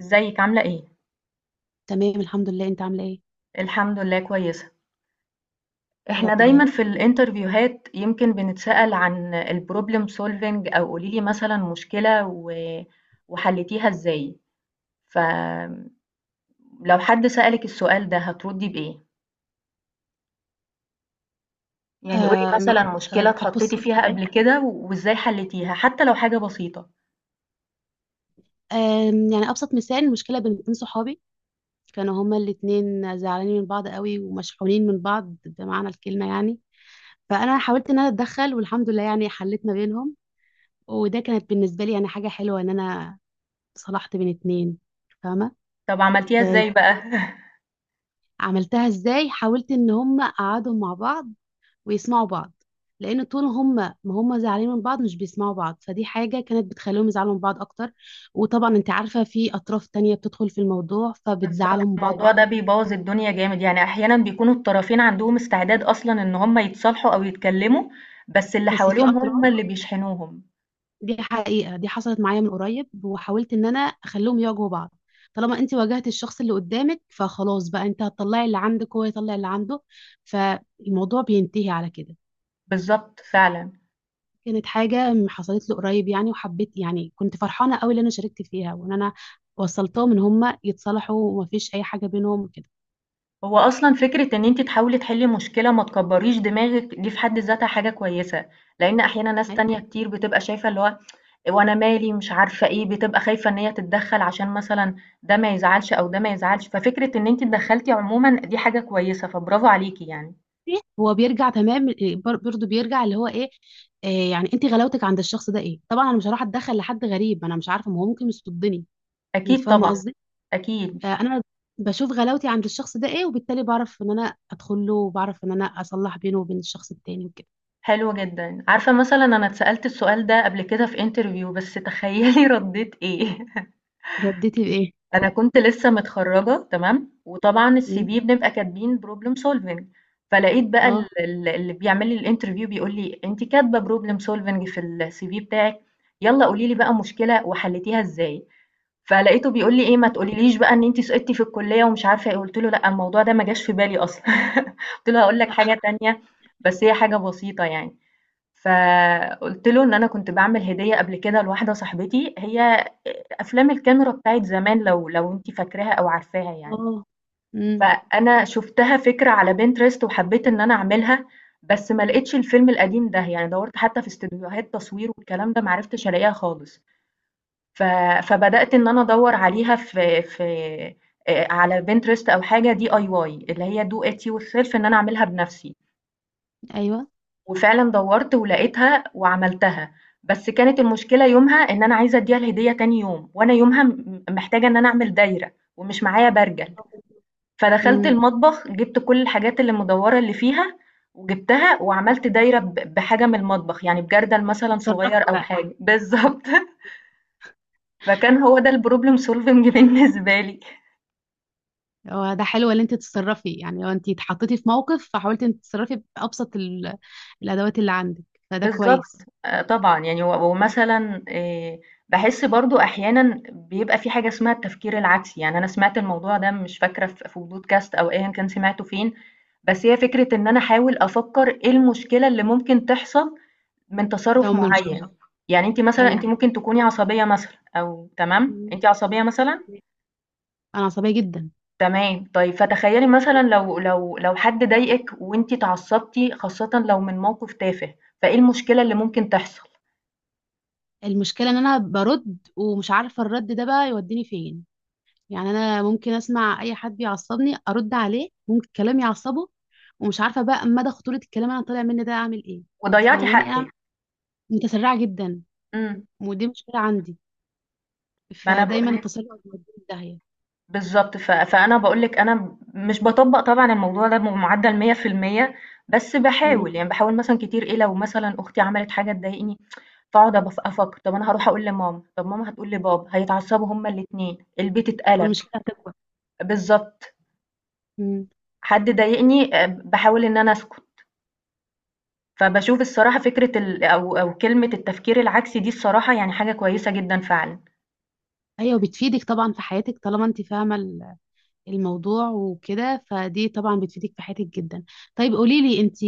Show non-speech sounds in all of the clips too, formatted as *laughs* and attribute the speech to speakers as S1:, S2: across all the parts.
S1: ازيك عاملة ايه؟
S2: تمام الحمد لله. انت عامله ايه؟
S1: الحمد لله كويسة.
S2: يا
S1: احنا
S2: رب
S1: دايما
S2: دايما.
S1: في الانترفيوهات يمكن بنتسأل عن البروبلم سولفينج او قوليلي مثلا مشكلة وحلتيها ازاي. فلو حد سألك السؤال ده هتردي بإيه؟ يعني قولي
S2: أم-
S1: مثلا مشكلة اتحطيتي
S2: بصي.
S1: فيها قبل كده وازاي حلتيها حتى لو حاجة بسيطة.
S2: يعني ابسط مثال مشكله بين اتنين صحابي. كانوا هما الاتنين زعلانين من بعض قوي، ومشحونين من بعض بمعنى الكلمه يعني. فانا حاولت ان انا اتدخل، والحمد لله يعني حليت ما بينهم. وده كانت بالنسبه لي يعني حاجه حلوه ان انا صلحت بين اتنين. فاهمه؟
S1: طب عملتيها ازاي بقى؟ *laughs*
S2: فعملتها ازاي؟ حاولت ان هما قعدوا مع بعض ويسمعوا بعض، لان طول هم ما هم زعلانين من بعض مش بيسمعوا بعض، فدي حاجه كانت بتخليهم يزعلوا من بعض اكتر. وطبعا انت عارفه في اطراف تانية بتدخل في الموضوع،
S1: بالضبط،
S2: فبتزعلهم من بعض
S1: الموضوع ده
S2: اكتر.
S1: بيبوّظ الدنيا جامد، يعني أحيانًا بيكونوا الطرفين عندهم استعداد أصلًا إن هم يتصالحوا أو يتكلّموا، بس اللي
S2: بس في
S1: حواليهم هم
S2: اطراف.
S1: اللي بيشحنوهم.
S2: دي حقيقه، دي حصلت معايا من قريب، وحاولت ان انا اخليهم يواجهوا بعض. طالما انت واجهت الشخص اللي قدامك، فخلاص بقى انت هتطلعي اللي عندك وهو يطلع اللي عنده. فالموضوع بينتهي على كده.
S1: بالضبط فعلًا.
S2: كانت حاجة حصلت لي قريب يعني، وحبيت يعني كنت فرحانة قوي اللي أنا شاركت فيها، وإن أنا وصلتهم إن هم يتصالحوا ومفيش أي حاجة بينهم وكده.
S1: هو أصلًا فكرة إن أنتِ تحاولي تحلّي مشكلة ما تكبّريش دماغِك دي في حد ذاتها حاجة كويسة، لإن أحيانًا ناس
S2: أيوة.
S1: تانية كتير بتبقى شايفة اللي هو وأنا مالي مش عارفة إيه، بتبقى خايفة إن هي تتدخّل عشان مثلًا ده ما يزعلش أو ده ما يزعلش، ففكرة إن أنتِ اتدخّلتِ عمومًا دي حاجة كويسة، فبرافو عليكِ يعني.
S2: هو بيرجع تمام إيه، برضه بيرجع اللي هو إيه. إيه يعني أنت غلاوتك عند الشخص ده إيه. طبعا أنا مش هروح أتدخل لحد غريب، أنا مش عارفة ما هو ممكن يصدني. أنت
S1: أكيد
S2: فاهمة
S1: طبعًا.
S2: قصدي؟
S1: أكيد.
S2: فأنا بشوف غلاوتي عند الشخص ده إيه، وبالتالي بعرف إن أنا أدخل له، وبعرف إن أنا أصلح بينه وبين الشخص التاني وكده.
S1: حلو جدًا. عارفة مثلًا أنا اتسألت السؤال ده قبل كده في interview بس تخيّلي *laughs* ردّيت إيه؟ *laughs*
S2: ردتي بإيه؟
S1: أنا كنت لسّه متخرّجة تمام، وطبعًا
S2: أمم،
S1: الCV بنبقى كاتبين problem solving، فلقيت بقى
S2: أه.
S1: ال اللي بيعمل لي الinterview بيقول لي: "أنتِ كاتبة problem solving في الCV بتاعِك، يالّا قولي لي بقى مشكلة وحلّيتيها إزاي." فلقيته بيقول لي إيه: "ما تقوليليش بقى إن أنتِ سقطتِ في الكلية" ومش عارفة إيه، قُلت له: "لأ، الموضوع ده ما جاش في بالي أصلًا." *laughs* قُلت له: "هاقول لك
S2: لا.
S1: حاجة تانية بس هي حاجة بسيطة يعني." فقُلت له إن أنا كنت باعمل هدية قبل كده لواحدة صاحبتي، هي أفلام الكاميرا بتاعة زمان لو أنتِ فاكراها أو عارفاها يعني.
S2: أه. أمم،
S1: فأنا شُفتها فكرة على Pinterest وحبّيت إن أنا أعملها، بس ما لقيتش الفيلم القديم ده، يعني دَوَّرت حتى في استوديوهات تصوير والكلام ده ما عرفتش ألاقيها خالص. ف فبدأت إن أنا أدوّر عليها في على Pinterest أو حاجة DIY اللي هي do it yourself إن أنا أعملها بنَفْسي.
S2: أيوه.
S1: وفعلًا دوّرت ولقيتها وعملتها، بس كانت المشكلة يومها إن أنا عايزة أدّيها الهدية تاني يوم، وأنا يومها محتاجة إن أنا أعمل دايرة ومش معايا برجل، فدخلت
S2: امم.
S1: المطبخ جِبت كل الحاجات اللي مدوّرة اللي فيها وجِبتها وعملت دايرة بحاجة من المطبخ، يعني بجردل مثلًا
S2: اتصرفتي
S1: صغير أو
S2: بقى.
S1: حاجة بالضبط. *laughs* فكان هو ده الproblem solving بالنسبة لي.
S2: هو ده حلو ان انت تتصرفي، يعني لو انت اتحطيتي في موقف فحاولتي انت تتصرفي بابسط الادوات اللي عندك. فده
S1: بالضبط.
S2: كويس.
S1: طبعًا، يعني ومثلًا باحس برضه أحيانًا بيبقى في حاجة اسمها التفكير العكسي، يعني أنا سمعت الموضوع ده مش فاكرة في podcast أو أيًا كان سمعته فين، بس هي فكرة إن أنا أحاول أفكّر إيه المشكلة اللي ممكن تحصل من
S2: ده
S1: تصرُّف
S2: هم مش.
S1: معيّن. يعني أنتِ مثلًا
S2: ايوه.
S1: أنتِ ممكن تكوني عصبية مثلًا أو تمام،
S2: مم.
S1: أنتِ عصبية مثلًا؟
S2: انا عصبيه جدا.
S1: تمام، طيب فتخيّلي مثلًا لو حد ضايقِك وأنتِ اتعصبتِ خاصةً لو من موقِف تافه، فإيه المشكلة اللي ممكن تحصل؟
S2: المشكله ان انا برد ومش عارفه الرد ده بقى يوديني فين. يعني انا ممكن اسمع اي حد يعصبني ارد عليه، ممكن كلام يعصبه، ومش عارفه بقى مدى خطوره الكلام انا طالع مني ده اعمل ايه. انت
S1: وضيّعتِ
S2: فاهماني؟
S1: حقِّك.
S2: انا متسرعه جدا،
S1: إمم.
S2: ودي مشكله عندي.
S1: ما أنا
S2: فدايما
S1: باقول لِك
S2: التسرع بيوديني في داهيه.
S1: بالضبط. فأنا باقول لِك أنا مش باطبّق طبعًا الموضوع ده بمعدّل 100% بس
S2: مم.
S1: باحاول، يعني باحاول مثلًا كتير إيه، لو مثلًا أختي عملت حاجة تضايقني فاقعد أفكّر، طب أنا هاروح أقول لماما، طب ماما هتقول لبابا، هيتعصّبوا هُم الاتنين، البيت اتقلب.
S2: والمشكلة هتكبر.
S1: بالضبط.
S2: مم.
S1: حد ضايقني باحاول إن أنا أسكت. فباشوف الصراحة فكرة ال أو أو كلمة التفكير العكسي دي الصراحة يعني حاجة كويسة جدًا فعلًا.
S2: أيوة، بتفيدك طبعا في حياتك، طالما أنت فاهمة الموضوع وكده، فدي طبعا بتفيدك في حياتك جدا. طيب قولي لي أنت،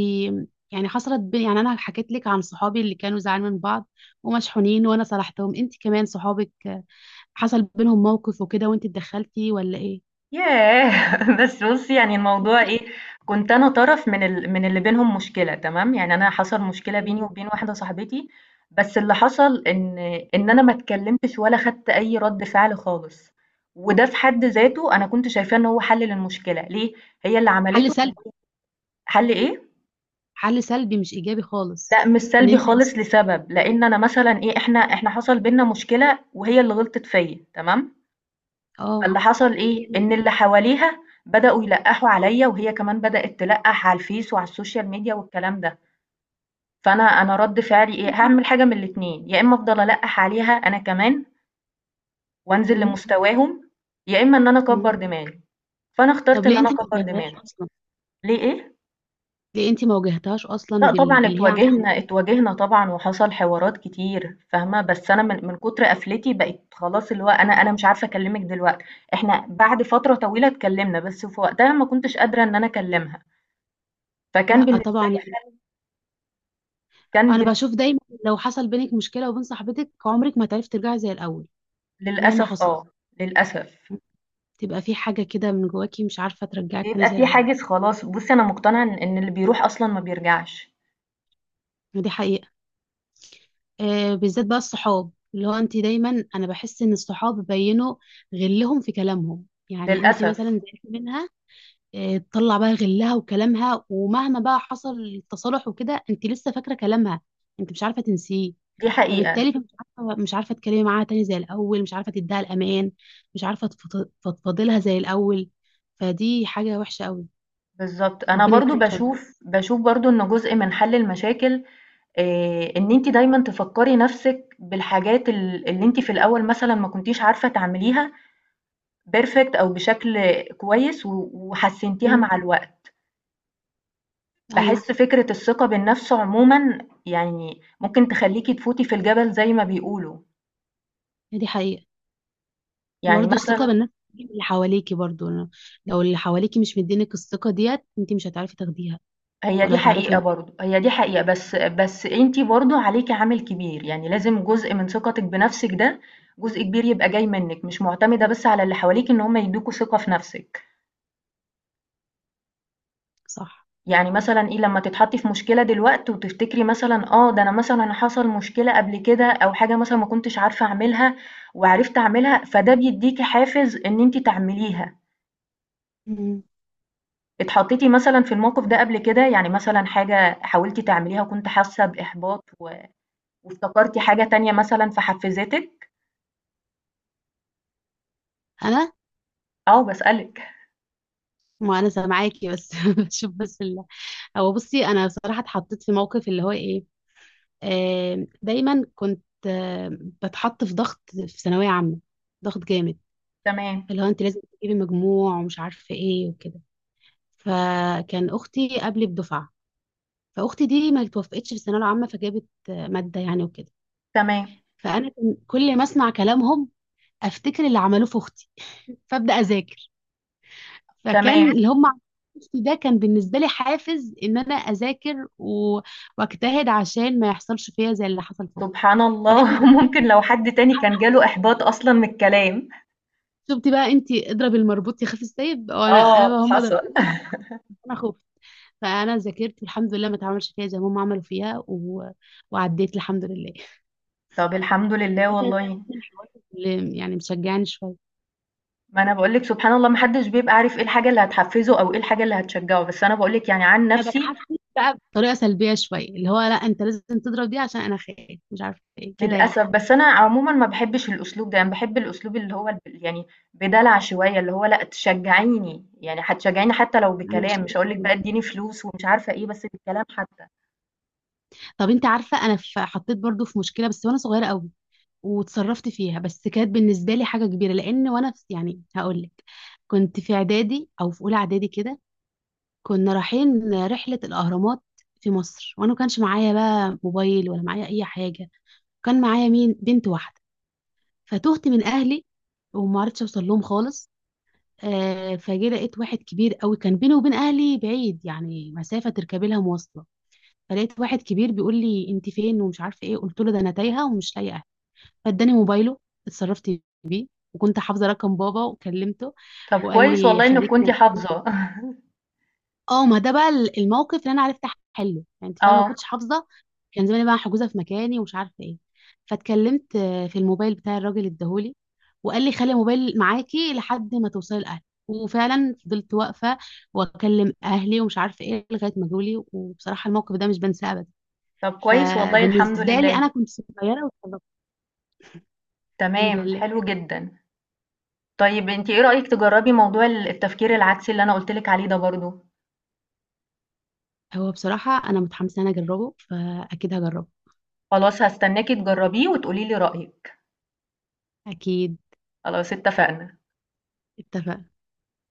S2: يعني يعني أنا حكيت لك عن صحابي اللي كانوا زعلانين من بعض ومشحونين، وأنا صلحتهم. أنت كمان صحابك حصل بينهم موقف وكده وأنت اتدخلتي ولا إيه؟
S1: ياه! *laughs* بس بُصّي يعني الموضوع
S2: مفيش.
S1: إيه، كنت أنا طرف من اللي بينهم مشكلة تمام، يعني أنا حصل مشكلة بيني
S2: مم.
S1: وبين واحدة صاحبتي، بس اللي حصل إن أنا ما اتكلمتش ولا خدت أي رد فعل خالص، وده في حد ذاته أنا كنت شايفاه إن هو حل للمشكلة، ليه؟ هي اللي
S2: حل
S1: عملته
S2: سلبي.
S1: حل إيه؟
S2: حل سلبي مش إيجابي خالص.
S1: لأ مش
S2: إن
S1: سلبي
S2: أنت
S1: خالص
S2: تسكتي.
S1: لسبب، لأن أنا مثلًا إيه، إحنا حصل بيننا مشكلة وهي اللي غلطت فيّا تمام؟
S2: أه.
S1: فاللي حصل
S2: *laughs*
S1: إيه، إن
S2: يعني.
S1: اللي حواليها بدأوا يلقّحوا عليَّ وهي كمان بدأت تلقّح على الفيس وعلى السوشيال ميديا والكلام ده، فأنا رَد فعلي إيه،
S2: أنت-
S1: هاعمل حاجة من الاتنين، يا إمّا أفضل ألقّح عليها أنا كمان وأنزل
S2: مم.
S1: لمستواهم، يا إمّا إن أنا
S2: مم.
S1: أكبّر دماغي، فأنا
S2: طب
S1: اخترت إن
S2: ليه
S1: أنا
S2: أنت ما
S1: أكبّر
S2: واجهتهاش
S1: دماغي.
S2: أصلا؟
S1: ليه إيه؟
S2: دي انت ما واجهتهاش اصلا
S1: لأ طبعًا
S2: باللي هي عملته.
S1: اتواجهنا طبعًا وحصل حوارات كتير فاهمة، بس أنا من كتر قفلتي بقيت خلاص اللي هو أنا مش عارفة أكلّمِك دلوقتي، إحنا بعد فترة طويلة اتكلّمنا، بس في وقتها ما كنتش قادرة إن أنا أكلّمها. فكان
S2: لا
S1: بالنسبة
S2: طبعا
S1: لي
S2: يعني.
S1: حل كان
S2: انا
S1: بالن
S2: بشوف دايما، لو حصل بينك مشكله وبين صاحبتك عمرك ما تعرفي ترجعي زي الاول مهما
S1: للأسف
S2: حصل.
S1: آه. للأسف.
S2: تبقى في حاجه كده من جواكي مش عارفه ترجعك تاني
S1: بيبقى
S2: زي
S1: في
S2: الاول.
S1: حاجز خلاص بُصّي أنا مقتنعة إن اللي بيروح أصلًا ما بيرجعش.
S2: دي حقيقه. آه، بالذات بقى الصحاب. اللي هو انت دايما، انا بحس ان الصحاب بينوا غلهم في كلامهم. يعني انت
S1: للأسف.
S2: مثلا زعلتي منها، آه، تطلع بقى غلها وكلامها، ومهما بقى حصل التصالح وكده انت لسه فاكره كلامها، انت مش عارفه تنسيه.
S1: دي حقيقة.
S2: فبالتالي مش عارفه تتكلمي معاها تاني زي الاول، مش عارفه تديها الامان، مش عارفه تفضفضي لها زي الاول. فدي حاجه وحشه قوي.
S1: بالضبط. أنا
S2: ربنا
S1: برضه
S2: يكرمك يا رب.
S1: باشوف برضه إن جزء من حل المشاكل إن أنتِ دايمًا تفكّري نَفْسِك بالحاجات اللي أنتِ في الأول مثلًا ما كنتيش عارفة تعمليها perfect أو بشكل كويس وحسّنتيها
S2: مم.
S1: مع الوقت.
S2: ايوس.
S1: باحس فكرة الثقة بالنفس عمومًا يعني ممكن تخلّيكِ تفوتي في الجبل زي ما بيقولوا.
S2: دي حقيقه.
S1: يعني
S2: وبرضه الثقه
S1: مثلًا
S2: بالنفس دي من اللي حواليكي برضه. لو اللي حواليكي مش مدينك الثقه ديت انت مش هتعرفي تاخديها
S1: هي
S2: ولا
S1: دي
S2: هتعرفي
S1: حقيقة
S2: انك.
S1: برضه، هي دي حقيقة بس أنتِ برضه عليكِ عامل كبير، يعني لازم جزء من ثقتِك بنفسِك ده جزء كبير يبقى جاي منِك، مش مُعتمدة بس على اللي حواليكِ إن هُم يدّوكوا ثقة في نفسِك.
S2: صح.
S1: يعني مثلًا إيه لمّا تتحطّي في مشكلة دلوقت وتفتكري مثلًا آه، ده أنا مثلًا حصل مشكلة قبل كده أو حاجة مثلًا ما كنتش عارفة أعملها وعرفت أعملها، فده بيدّيكِ حافز إن أنتِ تعمليها.
S2: مم.
S1: اتحطيتِ مثلًا في الموقف ده قبل كده؟ يعني مثلًا حاجة حاولتِ تعمليها وكنتِ حاسة بإحباط وافتكرتِ حاجة تانية مثلًا فحفزتِك؟
S2: انا
S1: آه باسألِك.
S2: ما انا سامعاكي بس *laughs* بشوف بس. هو بصي، انا بصراحه اتحطيت في موقف اللي هو ايه. آه، دايما كنت بتحط في ضغط في ثانويه عامه. ضغط جامد،
S1: تمام،
S2: اللي هو انت لازم تجيبي مجموع ومش عارفه ايه وكده. فكان اختي قبلي بدفعه، فاختي دي ما توفقتش في الثانويه العامه فجابت ماده يعني وكده.
S1: تمام،
S2: فانا كان كل ما اسمع كلامهم افتكر اللي عملوه في اختي *laughs* فابدا اذاكر. فكان
S1: تمام.
S2: اللي هم عملوه في اختي ده كان بالنسبه لي حافز ان انا اذاكر واجتهد عشان ما يحصلش فيا زي اللي حصل في اختي.
S1: سبحان
S2: والحمد
S1: الله
S2: لله.
S1: *laughs* ممكن لو حد تاني كان جاله إحباط أصلًا من الكلام.
S2: شفتي بقى انت، اضرب المربوط يخاف السيب، وانا
S1: آه
S2: بقى هم
S1: حصل.
S2: ضربوني. انا خفت، فانا ذاكرت والحمد لله ما اتعملش فيها زي ما هم عملوا فيها وعديت الحمد لله.
S1: طب الحمد لله
S2: ده كانت
S1: والله.
S2: من الحوارات اللي يعني مشجعني شويه.
S1: ما أنا باقول لِك سبحان الله ما حدش بيبقى عارف إيه الحاجة اللي هتحفزه أو إيه الحاجة اللي هتشجعه، بس أنا باقول لِك يعني عن
S2: انا
S1: نفسي
S2: بتحفز بقى بطريقه سلبيه شويه، اللي هو لا انت لازم تضرب دي عشان انا خايف مش عارفه ايه كده يعني.
S1: للأسف، بس أنا عمومًا ما باحبّش الأسلوب ده، أنا باحب الأسلوب اللي هو يعني بدلع شوية، اللي هو لأ تشجّعيني، يعني هتشجّعيني حتى لو
S2: انا
S1: بكلام،
S2: مش
S1: مش
S2: كده
S1: هاقول لِك بقى
S2: خالص.
S1: ادّيني فلوس ومش عارفة إيه، بس بالكلام حتى.
S2: طب انت عارفه، انا في حطيت برضو في مشكله بس وانا صغيره قوي، وتصرفت فيها. بس كانت بالنسبه لي حاجه كبيره لان وانا في يعني هقول لك. كنت في اعدادي او في اولى اعدادي كده. كنا رايحين رحلة الأهرامات في مصر، وأنا ما كانش معايا بقى موبايل ولا معايا أي حاجة. كان معايا مين، بنت واحدة. فتهت من أهلي، وما عرفتش أوصل لهم خالص. آه، فجي لقيت واحد كبير قوي كان بيني وبين أهلي بعيد، يعني مسافة تركبي لها مواصلة. فلقيت واحد كبير بيقول لي أنت فين ومش عارفة إيه، قلت له ده أنا تايهة ومش لاقية أهلي. فاداني موبايله، اتصرفت بيه، وكنت حافظة رقم بابا وكلمته.
S1: طب
S2: وقال
S1: كويس
S2: لي
S1: والله إنِّك
S2: خليكي.
S1: كنتِ حافظة. *laughs*
S2: اه، ما ده بقى الموقف اللي انا عرفت احله، يعني انت فاهمه، ما
S1: آه،
S2: كنتش حافظه كان زماني بقى حجوزه في مكاني ومش عارفه ايه. فاتكلمت في الموبايل بتاع الراجل اداهولي، وقال لي خلي الموبايل معاكي لحد ما توصلي الاهل. وفعلا فضلت واقفه واكلم اهلي ومش عارفه ايه لغايه ما جولي. وبصراحه الموقف ده مش بنساه ابدا.
S1: طب كويس والله الحمد
S2: فبالنسبه لي انا
S1: لله.
S2: كنت صغيره واتخرجت. الحمد
S1: تمام،
S2: لله.
S1: حلو جدًا. طيب أنتِ إيه رأيِك تجرّبي موضوع التفكير العكسي اللي أنا قُلت لِك عليه ده برضه؟
S2: هو بصراحه انا متحمسه ان انا اجربه، فاكيد هجربه.
S1: خلاص هاستناكِ تجرّبيه وتقولي لي رأيِك،
S2: اكيد.
S1: خلاص اتفقنا.
S2: اتفق.